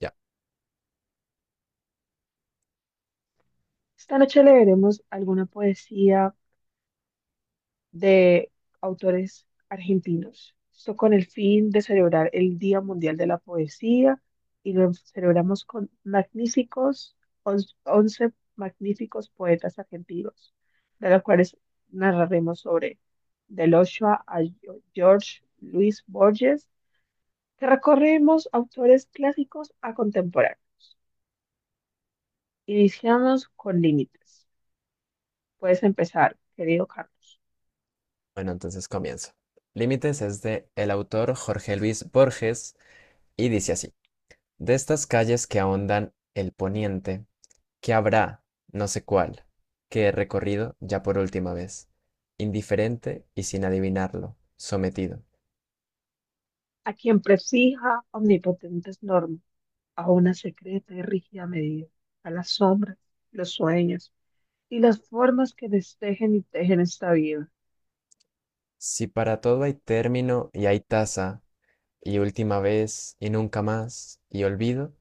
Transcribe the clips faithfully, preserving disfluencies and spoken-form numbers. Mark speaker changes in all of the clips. Speaker 1: Ya,
Speaker 2: Esta noche leeremos alguna poesía de autores argentinos. Esto con el fin de celebrar el Día Mundial de la Poesía y lo celebramos con magníficos, on- once magníficos poetas argentinos, de los cuales narraremos sobre Del Ochoa a Gio- George Luis Borges, que recorremos autores clásicos a contemporáneos. Iniciamos con límites. Puedes empezar, querido Carlos.
Speaker 1: bueno, entonces comienzo. Límites es de el autor Jorge Luis Borges y dice así: De estas calles que ahondan el poniente, que habrá, no sé cuál, que he recorrido ya por última vez, indiferente y sin adivinarlo, sometido.
Speaker 2: A quien prefija omnipotentes normas, a una secreta y rígida medida, a las sombras, los sueños y las formas que destejen y tejen esta vida.
Speaker 1: Si para todo hay término y hay tasa, y última vez y nunca más, y olvido,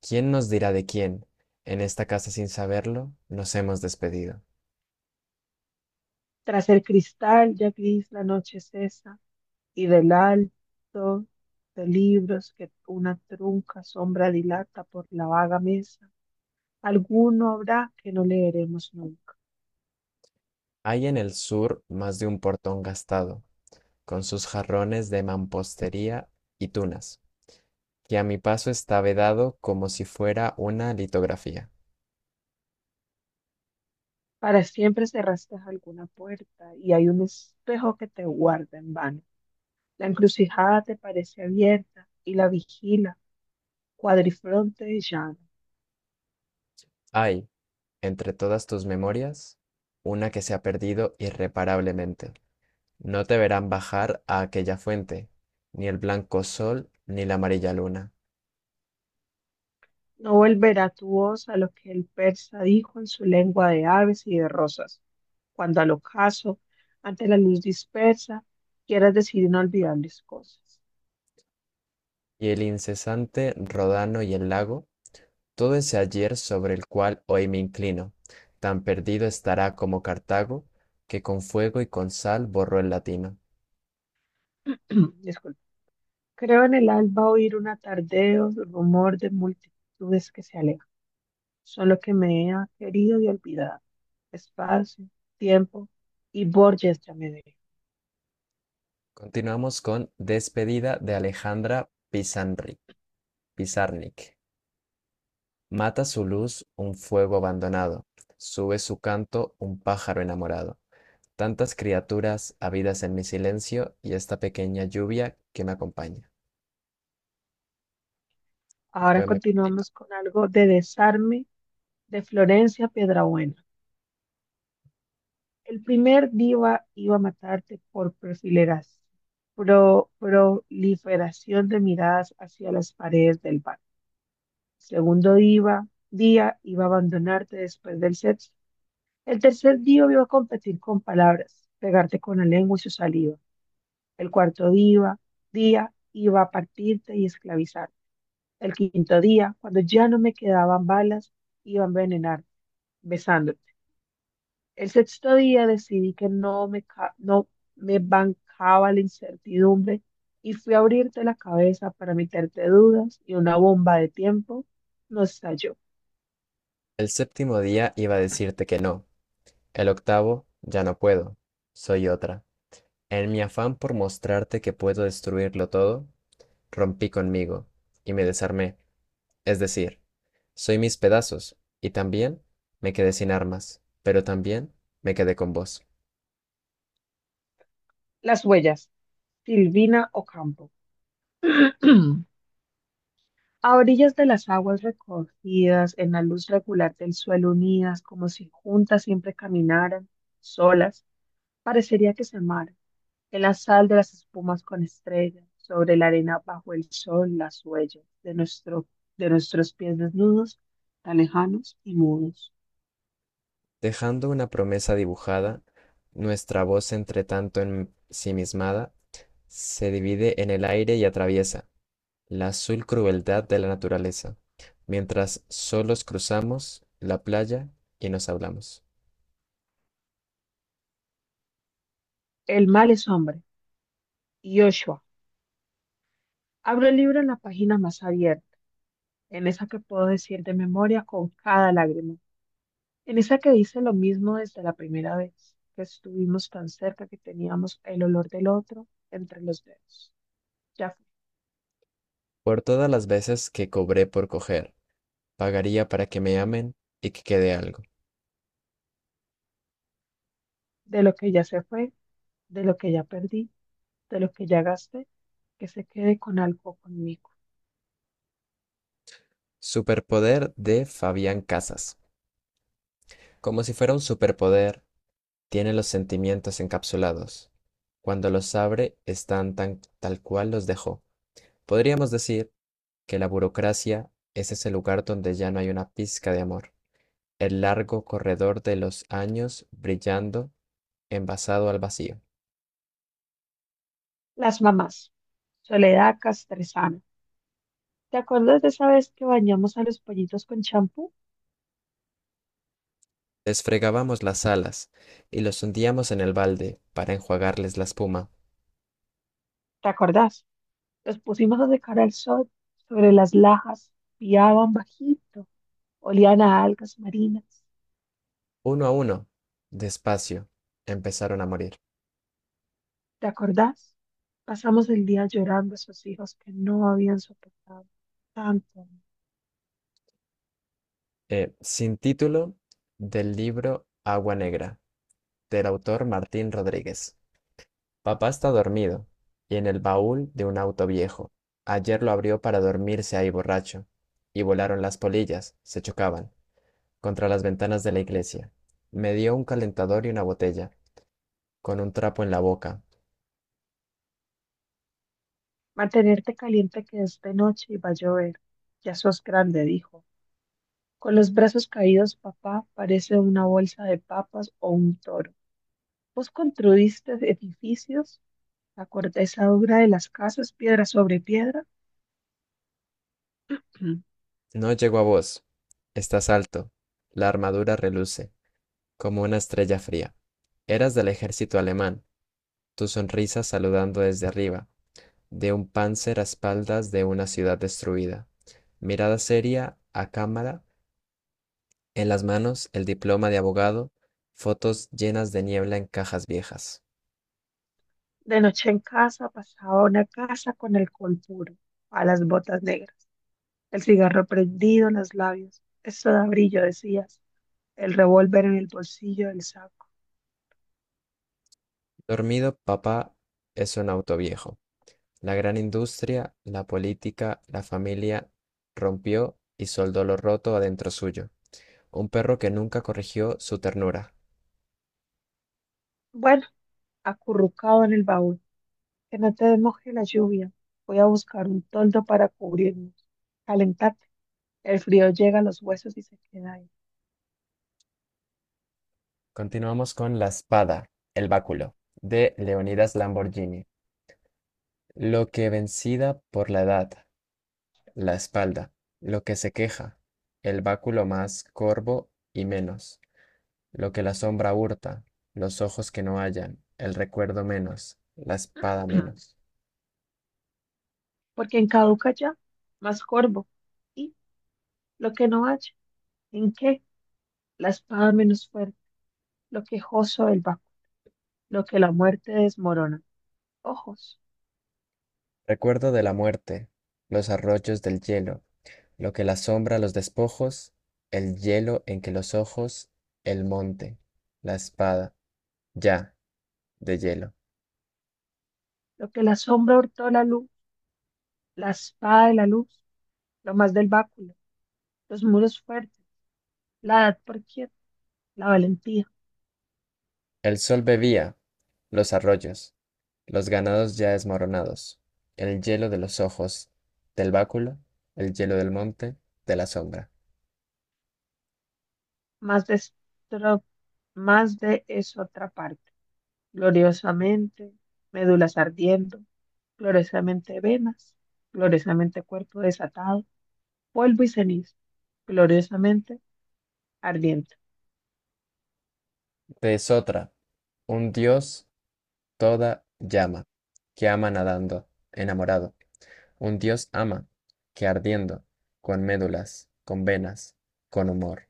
Speaker 1: ¿quién nos dirá de quién? En esta casa sin saberlo, nos hemos despedido.
Speaker 2: Tras el cristal ya gris la noche cesa y del alto de libros que una trunca sombra dilata por la vaga mesa, alguno habrá que no leeremos nunca.
Speaker 1: Hay en el sur más de un portón gastado, con sus jarrones de mampostería y tunas, que a mi paso está vedado como si fuera una litografía.
Speaker 2: Para siempre cerraste alguna puerta y hay un espejo que te guarda en vano. La encrucijada te parece abierta y la vigila, cuadrifronte y llana.
Speaker 1: Hay, entre todas tus memorias, una que se ha perdido irreparablemente. No te verán bajar a aquella fuente, ni el blanco sol, ni la amarilla luna,
Speaker 2: No volverá tu voz a lo que el persa dijo en su lengua de aves y de rosas, cuando al ocaso, ante la luz dispersa, quieras decir inolvidables cosas.
Speaker 1: y el incesante rodano y el lago. Todo ese ayer sobre el cual hoy me inclino, tan perdido estará como Cartago, que con fuego y con sal borró el latino.
Speaker 2: Disculpa. Creo en el alba oír un atardeo, rumor de multitudes que se alejan. Son lo que me ha querido y olvidado. Espacio, tiempo y Borges ya me ve.
Speaker 1: Continuamos con Despedida de Alejandra Pizarnik. Mata su luz un fuego abandonado, sube su canto un pájaro enamorado. Tantas criaturas habidas en mi silencio y esta pequeña lluvia que me acompaña. Un
Speaker 2: Ahora
Speaker 1: poema cortito.
Speaker 2: continuamos con algo de desarme de Florencia Piedrabuena. El primer diva iba a matarte por perfileras, pro- proliferación de miradas hacia las paredes del bar. Segundo diva, día iba a abandonarte después del sexo. El tercer diva iba a competir con palabras, pegarte con la lengua y su saliva. El cuarto diva, día iba a partirte y esclavizar. El quinto día, cuando ya no me quedaban balas, iba a envenenar, besándote. El sexto día decidí que no me, ca- no me bancaba la incertidumbre y fui a abrirte la cabeza para meterte dudas y una bomba de tiempo nos estalló.
Speaker 1: El séptimo día iba a decirte que no, el octavo ya no puedo, soy otra. En mi afán por mostrarte que puedo destruirlo todo, rompí conmigo y me desarmé, es decir, soy mis pedazos, y también me quedé sin armas, pero también me quedé con vos.
Speaker 2: Las huellas, Silvina Ocampo. A orillas de las aguas recogidas, en la luz regular del suelo unidas, como si juntas siempre caminaran, solas, parecería que se amaran. En la sal de las espumas con estrellas, sobre la arena bajo el sol, las huellas de nuestro, de nuestros pies desnudos, tan lejanos y mudos.
Speaker 1: Dejando una promesa dibujada, nuestra voz entre tanto ensimismada se divide en el aire y atraviesa la azul crueldad de la naturaleza, mientras solos cruzamos la playa y nos hablamos.
Speaker 2: El mal es hombre. Yoshua. Abro el libro en la página más abierta, en esa que puedo decir de memoria con cada lágrima, en esa que dice lo mismo desde la primera vez, que estuvimos tan cerca que teníamos el olor del otro entre los dedos. Ya fue.
Speaker 1: Por todas las veces que cobré por coger, pagaría para que me amen y que quede algo.
Speaker 2: De lo que ya se fue, de lo que ya perdí, de lo que ya gasté que se quede con algo conmigo.
Speaker 1: Superpoder de Fabián Casas. Como si fuera un superpoder, tiene los sentimientos encapsulados. Cuando los abre, están tan tal cual los dejó. Podríamos decir que la burocracia es ese lugar donde ya no hay una pizca de amor. El largo corredor de los años brillando, envasado al vacío.
Speaker 2: Las mamás. Soledad Castresana. ¿Te acuerdas de esa vez que bañamos a los pollitos con champú?
Speaker 1: Desfregábamos las alas y los hundíamos en el balde para enjuagarles la espuma.
Speaker 2: ¿Te acordás? Los pusimos a secar al sol sobre las lajas, piaban bajito, olían a algas marinas.
Speaker 1: Uno a uno, despacio, empezaron a morir.
Speaker 2: ¿Te acordás? Pasamos el día llorando a esos hijos que no habían soportado tanto.
Speaker 1: Eh, sin título del libro Agua Negra, del autor Martín Rodríguez. Papá está dormido y en el baúl de un auto viejo. Ayer lo abrió para dormirse ahí borracho. Y volaron las polillas, se chocaban, contra las ventanas de la iglesia. Me dio un calentador y una botella, con un trapo en la boca.
Speaker 2: Mantenerte caliente que es de noche y va a llover. Ya sos grande, dijo. Con los brazos caídos, papá parece una bolsa de papas o un toro. Vos construiste edificios, la corteza dura de las casas, piedra sobre piedra. Mm.
Speaker 1: No llegó a vos. Estás alto. La armadura reluce, como una estrella fría. Eras del ejército alemán, tu sonrisa saludando desde arriba, de un panzer a espaldas de una ciudad destruida. Mirada seria, a cámara, en las manos el diploma de abogado, fotos llenas de niebla en cajas viejas.
Speaker 2: De noche en casa pasaba una casa con el col puro, a las botas negras, el cigarro prendido en los labios. Eso da brillo, decías, el revólver en el bolsillo del saco.
Speaker 1: Dormido, papá es un auto viejo. La gran industria, la política, la familia rompió y soldó lo roto adentro suyo. Un perro que nunca corrigió su ternura.
Speaker 2: Bueno, acurrucado en el baúl, que no te moje la lluvia. Voy a buscar un toldo para cubrirnos. Calentar. El frío llega a los huesos y se queda ahí.
Speaker 1: Continuamos con La espada, el báculo, de Leonidas Lamborghini. Lo que vencida por la edad, la espalda, lo que se queja, el báculo más corvo y menos, lo que la sombra hurta, los ojos que no hallan, el recuerdo menos, la espada menos.
Speaker 2: Porque en caduca ya, más corvo. Y lo que no haya, ¿en qué? La espada menos fuerte, lo quejoso del baco, lo que la muerte desmorona. Ojos,
Speaker 1: Recuerdo de la muerte, los arroyos del hielo, lo que la sombra los despojos, el hielo en que los ojos, el monte, la espada, ya, de hielo.
Speaker 2: lo que la sombra hurtó la luz, la espada de la luz, lo más del báculo, los muros fuertes, la edad por quieta, la valentía,
Speaker 1: El sol bebía los arroyos, los ganados ya desmoronados, el hielo de los ojos, del báculo, el hielo del monte, de la sombra.
Speaker 2: más de, estro- más de es otra parte. Gloriosamente, médulas ardiendo, gloriosamente venas, gloriosamente cuerpo desatado, polvo y ceniza, gloriosamente ardiente.
Speaker 1: De Sotra, un dios toda llama, que ama nadando, enamorado. Un dios ama, que ardiendo, con médulas, con venas, con humor,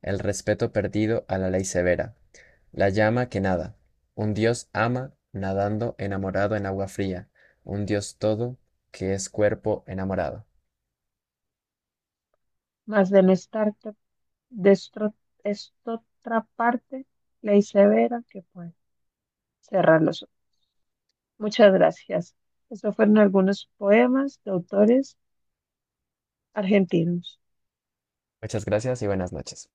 Speaker 1: el respeto perdido a la ley severa, la llama que nada, un dios ama, nadando enamorado en agua fría, un dios todo, que es cuerpo enamorado.
Speaker 2: Mas de no estar de estro- esta otra parte, ley severa que puede cerrar los ojos. Muchas gracias. Estos fueron algunos poemas de autores argentinos.
Speaker 1: Muchas gracias y buenas noches.